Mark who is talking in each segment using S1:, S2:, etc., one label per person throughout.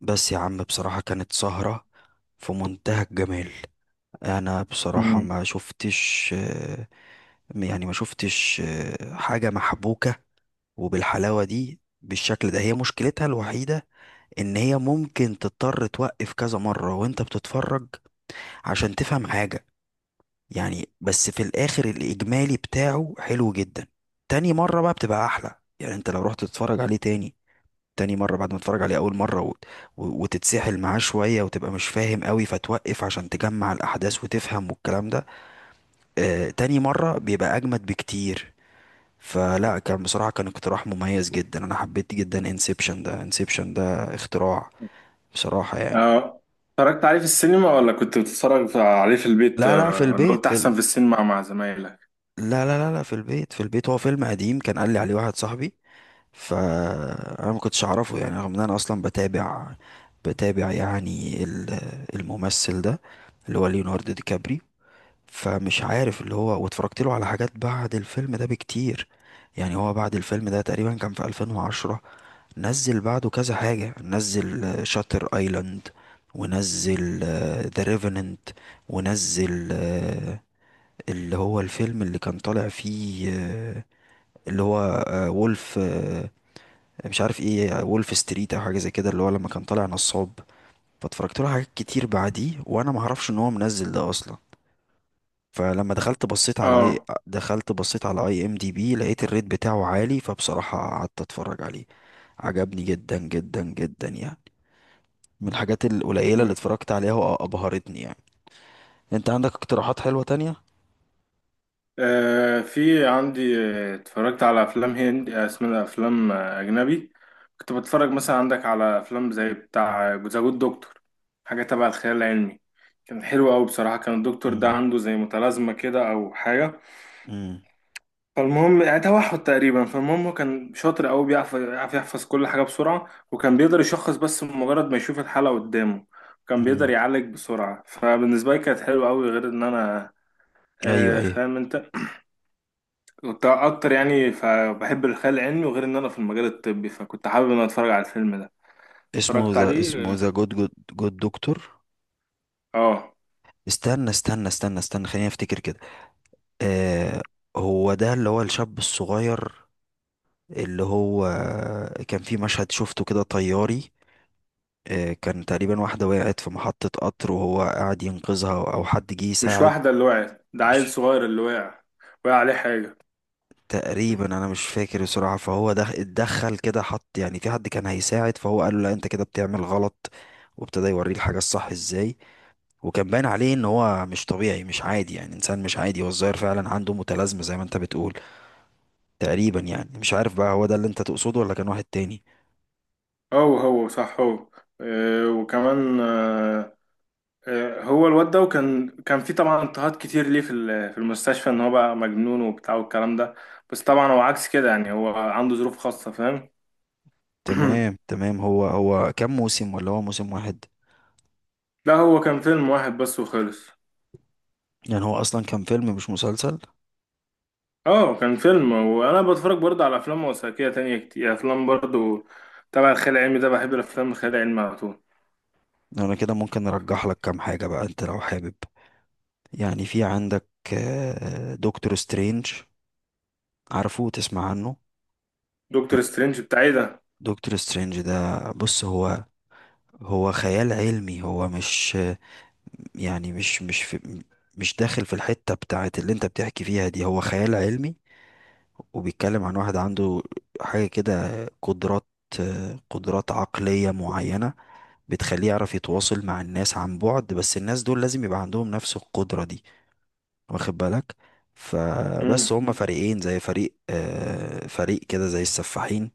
S1: بس يا عم بصراحة كانت سهرة في منتهى الجمال. انا بصراحة
S2: مم.
S1: ما شفتش يعني ما شفتش حاجة محبوكة وبالحلاوة دي بالشكل ده. هي مشكلتها الوحيدة ان هي ممكن تضطر توقف كذا مرة وانت بتتفرج عشان تفهم حاجة. يعني بس في الاخر الاجمالي بتاعه حلو جدا. تاني مرة بقى بتبقى احلى، يعني انت لو رحت تتفرج عليه تاني، تاني مرة بعد ما تتفرج عليه أول مرة و... و... وتتسحل معاه شوية وتبقى مش فاهم قوي فتوقف عشان تجمع الأحداث وتفهم والكلام ده. آه تاني مرة بيبقى أجمد بكتير. فلا كان بصراحة كان اقتراح مميز جدا، أنا حبيت جدا انسبشن ده، انسبشن ده اختراع بصراحة يعني.
S2: آه، اتفرجت عليه في السينما ولا كنت بتتفرج عليه في البيت،
S1: لا في
S2: ولا
S1: البيت
S2: قلت
S1: في
S2: احسن في السينما مع زمايلك؟
S1: لا في البيت، في البيت. هو فيلم قديم كان قال لي عليه واحد صاحبي، فانا ما كنتش اعرفه يعني، رغم ان انا اصلا بتابع يعني الممثل ده اللي هو ليوناردو دي كابري. فمش عارف اللي هو، واتفرجت له على حاجات بعد الفيلم ده بكتير. يعني هو بعد الفيلم ده تقريبا كان في 2010، نزل بعده كذا حاجة، نزل شاتر ايلاند ونزل ذا ريفننت، ونزل اللي هو الفيلم اللي كان طالع فيه اللي هو وولف، مش عارف ايه، وولف ستريت او حاجه زي كده، اللي هو لما كان طالع نصاب. فاتفرجت له حاجات كتير بعديه وانا ما اعرفش ان هو منزل ده اصلا. فلما دخلت بصيت على اي
S2: اه.
S1: دخلت بصيت على اي ام دي بي، لقيت الريت بتاعه عالي، فبصراحه قعدت اتفرج عليه. عجبني جدا جدا جدا يعني، من الحاجات القليله اللي
S2: مم.
S1: اتفرجت عليها وابهرتني يعني. انت عندك اقتراحات حلوه تانية؟
S2: آه، في عندي. اتفرجت على افلام هند، اسمها افلام، اجنبي. كنت بتفرج مثلا عندك على افلام زي بتاع ذا جود دكتور، حاجه تبع الخيال العلمي. كان حلو قوي بصراحه. كان الدكتور ده
S1: امم،
S2: عنده زي متلازمه كده او حاجه.
S1: امم،
S2: فالمهم يعني توحد تقريبا. فالمهم هو كان شاطر قوي، يعرف يحفظ كل حاجه بسرعه، وكان بيقدر يشخص بس مجرد ما يشوف الحاله قدامه. كان بيقدر
S1: امم،
S2: يعالج بسرعه. فبالنسبه لي كانت حلوه قوي، غير ان انا،
S1: ايوه
S2: آه،
S1: ايوه.
S2: فاهم انت، كنت اكتر يعني. فبحب الخيال العلمي، وغير ان انا في المجال الطبي، فكنت حابب ان انا اتفرج على الفيلم ده.
S1: اسمه
S2: اتفرجت
S1: ذا، اسمه
S2: عليه.
S1: ذا جود جود جود دكتور.
S2: اه.
S1: استنى خليني افتكر كده. آه، هو ده اللي هو الشاب الصغير اللي هو كان في مشهد شفته كده طياري. آه كان تقريبا واحدة وقعت في محطة قطر وهو قاعد ينقذها أو حد جه
S2: مش
S1: يساعد.
S2: واحده اللي وقعت ده، عيل
S1: مش،
S2: صغير اللي وقع، وقع عليه حاجه.
S1: تقريبا أنا مش فاكر بصراحة. فهو ده اتدخل كده، حط يعني في حد كان هيساعد، فهو قال له لا أنت كده بتعمل غلط، وابتدى يوريه الحاجة الصح ازاي. وكان باين عليه ان هو مش طبيعي مش عادي، يعني انسان مش عادي، هو الظاهر فعلا عنده متلازمة زي ما انت بتقول تقريبا. يعني مش عارف بقى هو ده اللي انت تقصده ولا كان واحد تاني.
S2: هو هو صح، هو. آه، وكمان، آه. آه، هو الواد ده، وكان كان في طبعا اضطهاد كتير ليه في في المستشفى، ان هو بقى مجنون وبتاع والكلام ده. بس طبعا هو عكس كده يعني. هو عنده ظروف خاصة، فاهم.
S1: تمام تمام. هو هو كام موسم ولا هو موسم واحد؟
S2: لا هو كان فيلم واحد بس وخلص.
S1: يعني هو اصلا كان فيلم مش مسلسل.
S2: اه كان فيلم. وانا بتفرج برضه على افلام وثائقية تانية كتير، افلام برضه تبع الخيال العلمي ده. بحب الافلام الخيال العلمي على طول.
S1: انا كده ممكن ارجح لك كام حاجة بقى انت لو حابب. يعني في عندك دكتور سترينج، عارفه تسمع عنه؟
S2: دكتور
S1: دك-
S2: سترينج بتاع ايه ده؟
S1: دكتور سترينج ده، بص، هو هو خيال علمي، هو مش يعني، مش في، مش داخل في الحتة بتاعت اللي انت بتحكي فيها دي، هو خيال علمي وبيتكلم عن واحد عنده حاجة كده، قدرات، قدرات عقلية معينة بتخليه يعرف يتواصل مع الناس عن بعد، بس الناس دول لازم يبقى عندهم نفس القدرة دي، واخد بالك.
S2: مم.
S1: فبس هما فريقين، زي فريق فريق كده زي السفاحين،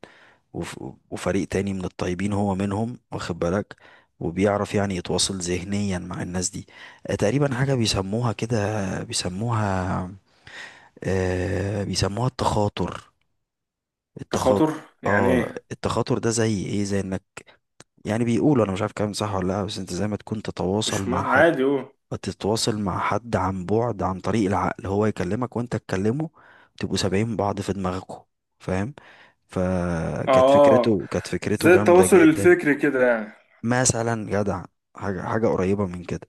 S1: وف- وفريق تاني من الطيبين، هو منهم، واخد بالك. وبيعرف يعني يتواصل ذهنيا مع الناس دي. تقريبا حاجة بيسموها كده، بيسموها، بيسموها التخاطر، التخاطر.
S2: تخاطر؟ يعني
S1: اه
S2: ايه؟
S1: التخاطر ده زي ايه، زي انك يعني، بيقولوا انا مش عارف كلام صح ولا لا، بس انت زي ما تكون تتواصل
S2: مش
S1: مع
S2: ما
S1: حد،
S2: عادي هو.
S1: فتتواصل مع حد عن بعد عن طريق العقل، هو يكلمك وانت تكلمه، تبقوا سابعين بعض في دماغكم، فاهم. فكانت
S2: اه،
S1: فكرته، كانت فكرته
S2: زي
S1: جامدة
S2: التواصل
S1: جدا،
S2: الفكري كده.
S1: مثلا جدع، حاجة، حاجة قريبة من كده.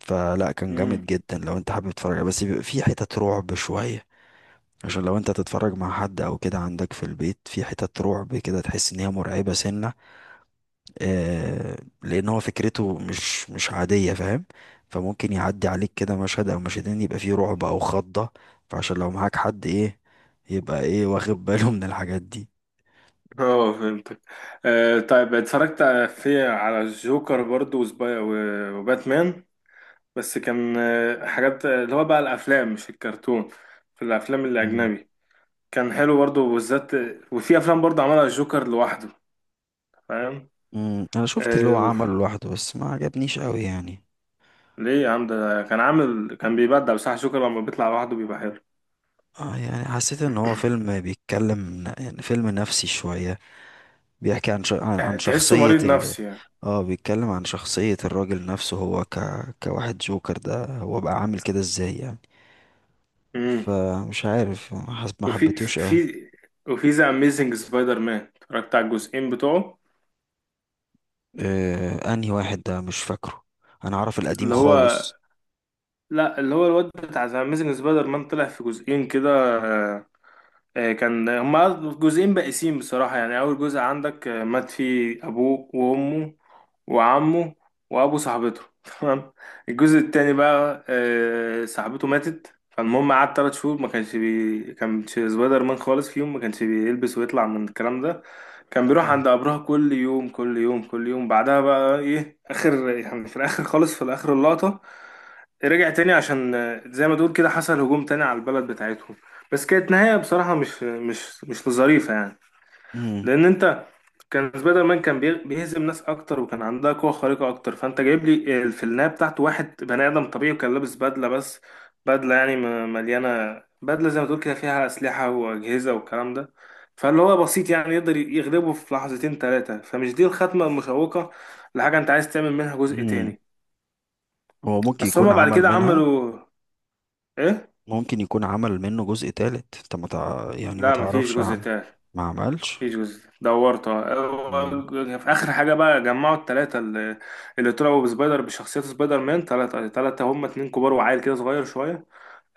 S1: فلا كان
S2: يعني
S1: جامد جدا لو انت حابب تتفرج عليه. بس بيبقى فيه حتت رعب شوية، عشان لو انت تتفرج مع حد او كده عندك في البيت، في حتت رعب كده تحس ان هي مرعبة سنة. آه لان هو فكرته مش مش عادية فاهم. فممكن يعدي عليك كده مشهد او مشهدين يبقى فيه رعب او خضة، فعشان لو معاك حد ايه، يبقى ايه واخد باله من الحاجات دي.
S2: اه فهمتك. آه طيب. اتفرجت في على الجوكر برضو وباتمان. بس كان، آه، حاجات، آه، اللي هو بقى الافلام، مش الكرتون، في الافلام
S1: مم.
S2: الاجنبي. كان حلو برضو بالذات. وفي افلام برضو عملها الجوكر لوحده، فاهم.
S1: مم، انا شفت اللي
S2: آه
S1: هو عمله
S2: وف-
S1: لوحده بس ما عجبنيش قوي يعني.
S2: ليه يا عم؟ ده كان عامل، كان بيبدع بصح. الجوكر لما بيطلع لوحده بيبقى حلو.
S1: اه يعني حسيت ان هو فيلم بيتكلم، يعني فيلم نفسي شوية، بيحكي عن عن عن
S2: تحسه
S1: شخصية
S2: مريض نفسي يعني.
S1: اه بيتكلم عن شخصية الراجل نفسه هو كواحد، جوكر ده هو بقى عامل كده ازاي يعني.
S2: امم.
S1: فمش عارف ما
S2: وفي في
S1: حبيتوش اه.
S2: في- وفي ذا اميزنج سبايدر مان اتفرجت على الجزئين بتوعه.
S1: انهي واحد ده مش فاكره. انا اعرف القديم
S2: اللي هو،
S1: خالص.
S2: لا اللي هو الواد بتاع اميزنج سبايدر مان طلع في جزئين كده. آه. آه، كان هما جزئين بائسين بصراحة يعني. أول جزء عندك، آه، مات فيه أبوه وأمه وعمه وأبو صاحبته تمام. الجزء التاني بقى، آه، صاحبته ماتت. فالمهم قعد تلات شهور ما كانش سبايدر مان خالص فيهم، ما كانش بيلبس ويطلع من الكلام ده. كان بيروح
S1: مم.
S2: عند قبرها كل يوم كل يوم كل يوم. بعدها بقى ايه، اخر يعني في الاخر خالص، في الاخر اللقطة، رجع تاني عشان، آه، زي ما تقول كده حصل هجوم تاني على البلد بتاعتهم. بس كانت نهاية بصراحة مش ظريفة يعني.
S1: امم،
S2: لأن أنت، كان سبايدر مان كان بيهزم ناس أكتر، وكان عندها قوة خارقة أكتر، فأنت جايب لي، آه، في النهاية بتاعته واحد بني آدم طبيعي، وكان لابس بدلة بس. بدلة يعني مليانة، بدلة زي ما تقول كده فيها أسلحة وأجهزة والكلام ده. فاللي هو بسيط يعني، يقدر يغلبه في لحظتين ثلاثة. فمش دي الختمة المشوقة لحاجة أنت عايز تعمل منها جزء
S1: امم.
S2: تاني.
S1: هو ممكن
S2: بس
S1: يكون
S2: هما بعد
S1: عمل
S2: كده
S1: منها،
S2: عملوا إيه؟
S1: ممكن يكون عمل منه جزء تالت، انت ما تع... يعني ما
S2: لا مفيش
S1: تعرفش
S2: جزء تالت.
S1: ما عملش.
S2: مفيش جزء تالت. دورته
S1: مم.
S2: هو- في اخر حاجه بقى جمعوا الثلاثه اللي، اللي طلعوا بسبايدر بشخصيات سبايدر مان ثلاثه. ثلاثه هم، اتنين كبار وعيل كده صغير شويه.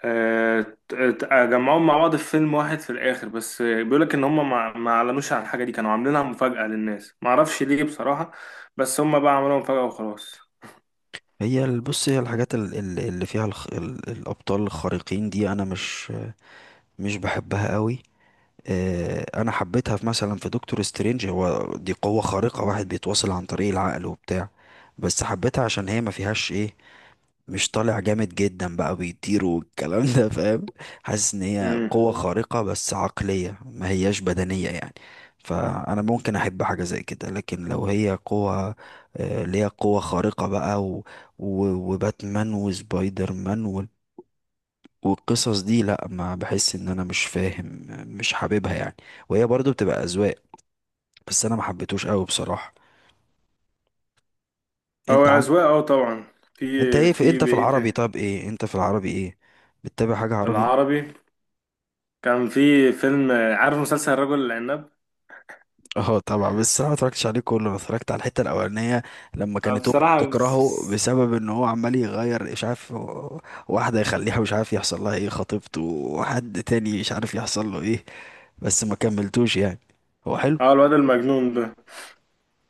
S2: آه. ت- ت- جمعوهم مع بعض في فيلم واحد في الاخر. بس بيقول لك ان هم ما اعلنوش عن الحاجه دي، كانوا عاملينها مفاجاه للناس، ما اعرفش ليه بصراحه. بس هم بقى عملوها مفاجاه وخلاص.
S1: بص هي الحاجات اللي فيها الابطال الخارقين دي انا مش بحبها قوي. انا حبيتها في مثلا في دكتور سترينج، هو دي قوة خارقة، واحد بيتواصل عن طريق العقل وبتاع، بس حبيتها عشان هي ما فيهاش ايه، مش طالع جامد جدا بقى بيطير والكلام ده، فاهم. حاسس ان هي
S2: امم.
S1: قوة خارقة بس عقلية، ما هياش بدنية يعني. فانا ممكن احب حاجة زي كده، لكن لو هي قوة، اللي هي قوة خارقة بقى و... و... وباتمان وسبايدر مان والقصص دي، لا ما بحس، ان انا مش فاهم، مش حاببها يعني. وهي برضو بتبقى اذواق، بس انا ما حبيتهوش قوي بصراحة.
S2: هو
S1: انت عن،
S2: اذواق اه طبعا. في.
S1: انت ايه في،
S2: في
S1: انت في العربي،
S2: بقيه
S1: طب ايه انت في العربي ايه، بتتابع حاجة عربي؟
S2: العربي، كان في فيلم، عارف مسلسل الرجل العناب؟
S1: اه طبعا، بس انا ما اتفرجتش عليه كله، انا اتفرجت على الحتة الاولانية لما
S2: آه،
S1: كانت امه
S2: بصراحة
S1: بتكرهه بسبب ان هو عمال يغير مش عارف واحدة يخليها مش عارف يحصل لها ايه، خطيبته وحد تاني مش عارف يحصل له ايه. بس ما كملتوش يعني، هو حلو.
S2: اه الواد المجنون ده.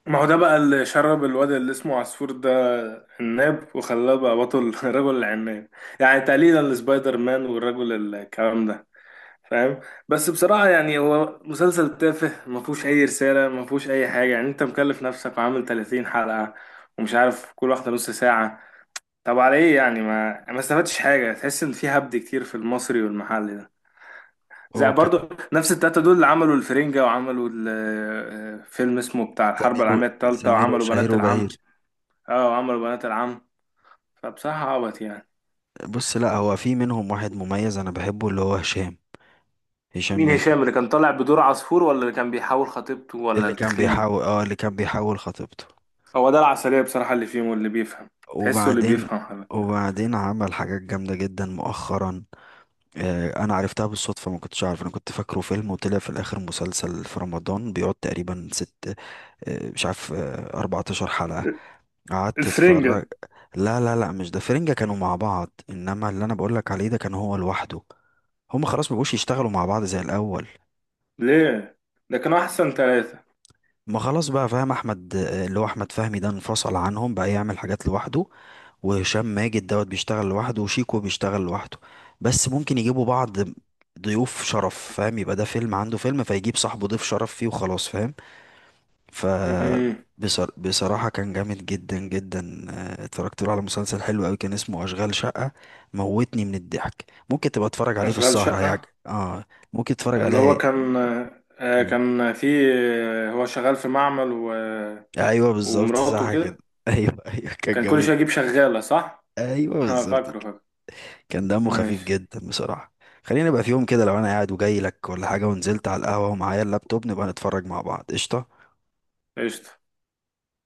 S2: ما هو ده بقى اللي شرب الواد اللي اسمه عصفور ده عناب وخلاه بقى بطل رجل العناب، يعني تقليدا لسبايدر مان والرجل الكلام ده، فاهم. بس بصراحة يعني هو مسلسل تافه، ما فيهوش أي رسالة، ما فيهوش أي حاجة يعني. أنت مكلف نفسك وعامل 30 حلقة، ومش عارف كل واحدة نص ساعة. طب على إيه يعني؟ ما استفدتش حاجة. تحس إن في هبد كتير في المصري والمحلي ده. زي
S1: اوكي.
S2: برضو نفس التلاتة دول، اللي عملوا الفرنجة، وعملوا فيلم اسمه بتاع الحرب
S1: سمير و-
S2: العالمية التالتة،
S1: سمير
S2: وعملوا
S1: وشهير
S2: بنات
S1: وبهير.
S2: العم. اه، وعملوا بنات العم. فبصراحة عبط يعني.
S1: بص لا هو في منهم واحد مميز انا بحبه، اللي هو هشام، هشام
S2: مين
S1: ماجد.
S2: هشام؟ اللي كان طالع بدور عصفور، ولا اللي كان بيحاول خطيبته، ولا
S1: اللي كان
S2: التخين؟
S1: بيحاول، اه اللي كان بيحاول خطيبته.
S2: هو ده العسلية بصراحة اللي فيهم واللي بيفهم. تحسه اللي
S1: وبعدين،
S2: بيفهم حاجة.
S1: وبعدين عمل حاجات جامدة جدا مؤخرا. آه انا عرفتها بالصدفة، ما كنتش عارف، انا كنت فاكره فيلم وطلع في الاخر مسلسل في رمضان، بيقعد تقريبا ست، آه مش عارف، آه 14 حلقة، قعدت اتفرج.
S2: الفرنجة؟
S1: لا لا لا، مش ده، فرنجة كانوا مع بعض، انما اللي انا بقولك عليه ده كان هو لوحده. هما خلاص مبقوش يشتغلوا مع بعض زي الاول.
S2: ليه، ده كانوا أحسن ثلاثة.
S1: ما خلاص بقى فاهم، احمد اللي هو احمد فهمي ده انفصل عنهم بقى يعمل حاجات لوحده، وهشام ماجد دوت بيشتغل لوحده، وشيكو بيشتغل لوحده. بس ممكن يجيبوا بعض ضيوف شرف، فاهم، يبقى ده فيلم عنده فيلم فيجيب صاحبه ضيف شرف فيه وخلاص، فاهم. ف
S2: أمم.
S1: بصراحة كان جامد جدا جدا. اتفرجت له على مسلسل حلو قوي كان اسمه أشغال شقة، موتني من الضحك. ممكن تبقى تتفرج عليه في
S2: أشغال
S1: السهرة
S2: شقة.
S1: هيعجبك اه، ممكن تتفرج
S2: اللي هو
S1: عليه.
S2: كان، آه،
S1: مم.
S2: كان في، آه، هو شغال في معمل و...
S1: ايوه بالظبط
S2: ومراته
S1: صح كده
S2: كده
S1: ايوه ايوه كان
S2: كان كل
S1: جامد.
S2: شويه يجيب شغاله، صح؟
S1: ايوه
S2: اه
S1: بالظبط
S2: فاكره
S1: كده.
S2: فاكره.
S1: كان دمه خفيف
S2: ماشي.
S1: جدا بصراحه. خلينا بقى في يوم كده لو انا قاعد وجاي لك ولا حاجه، ونزلت على القهوه ومعايا اللابتوب نبقى نتفرج مع بعض، قشطه.
S2: قشطه.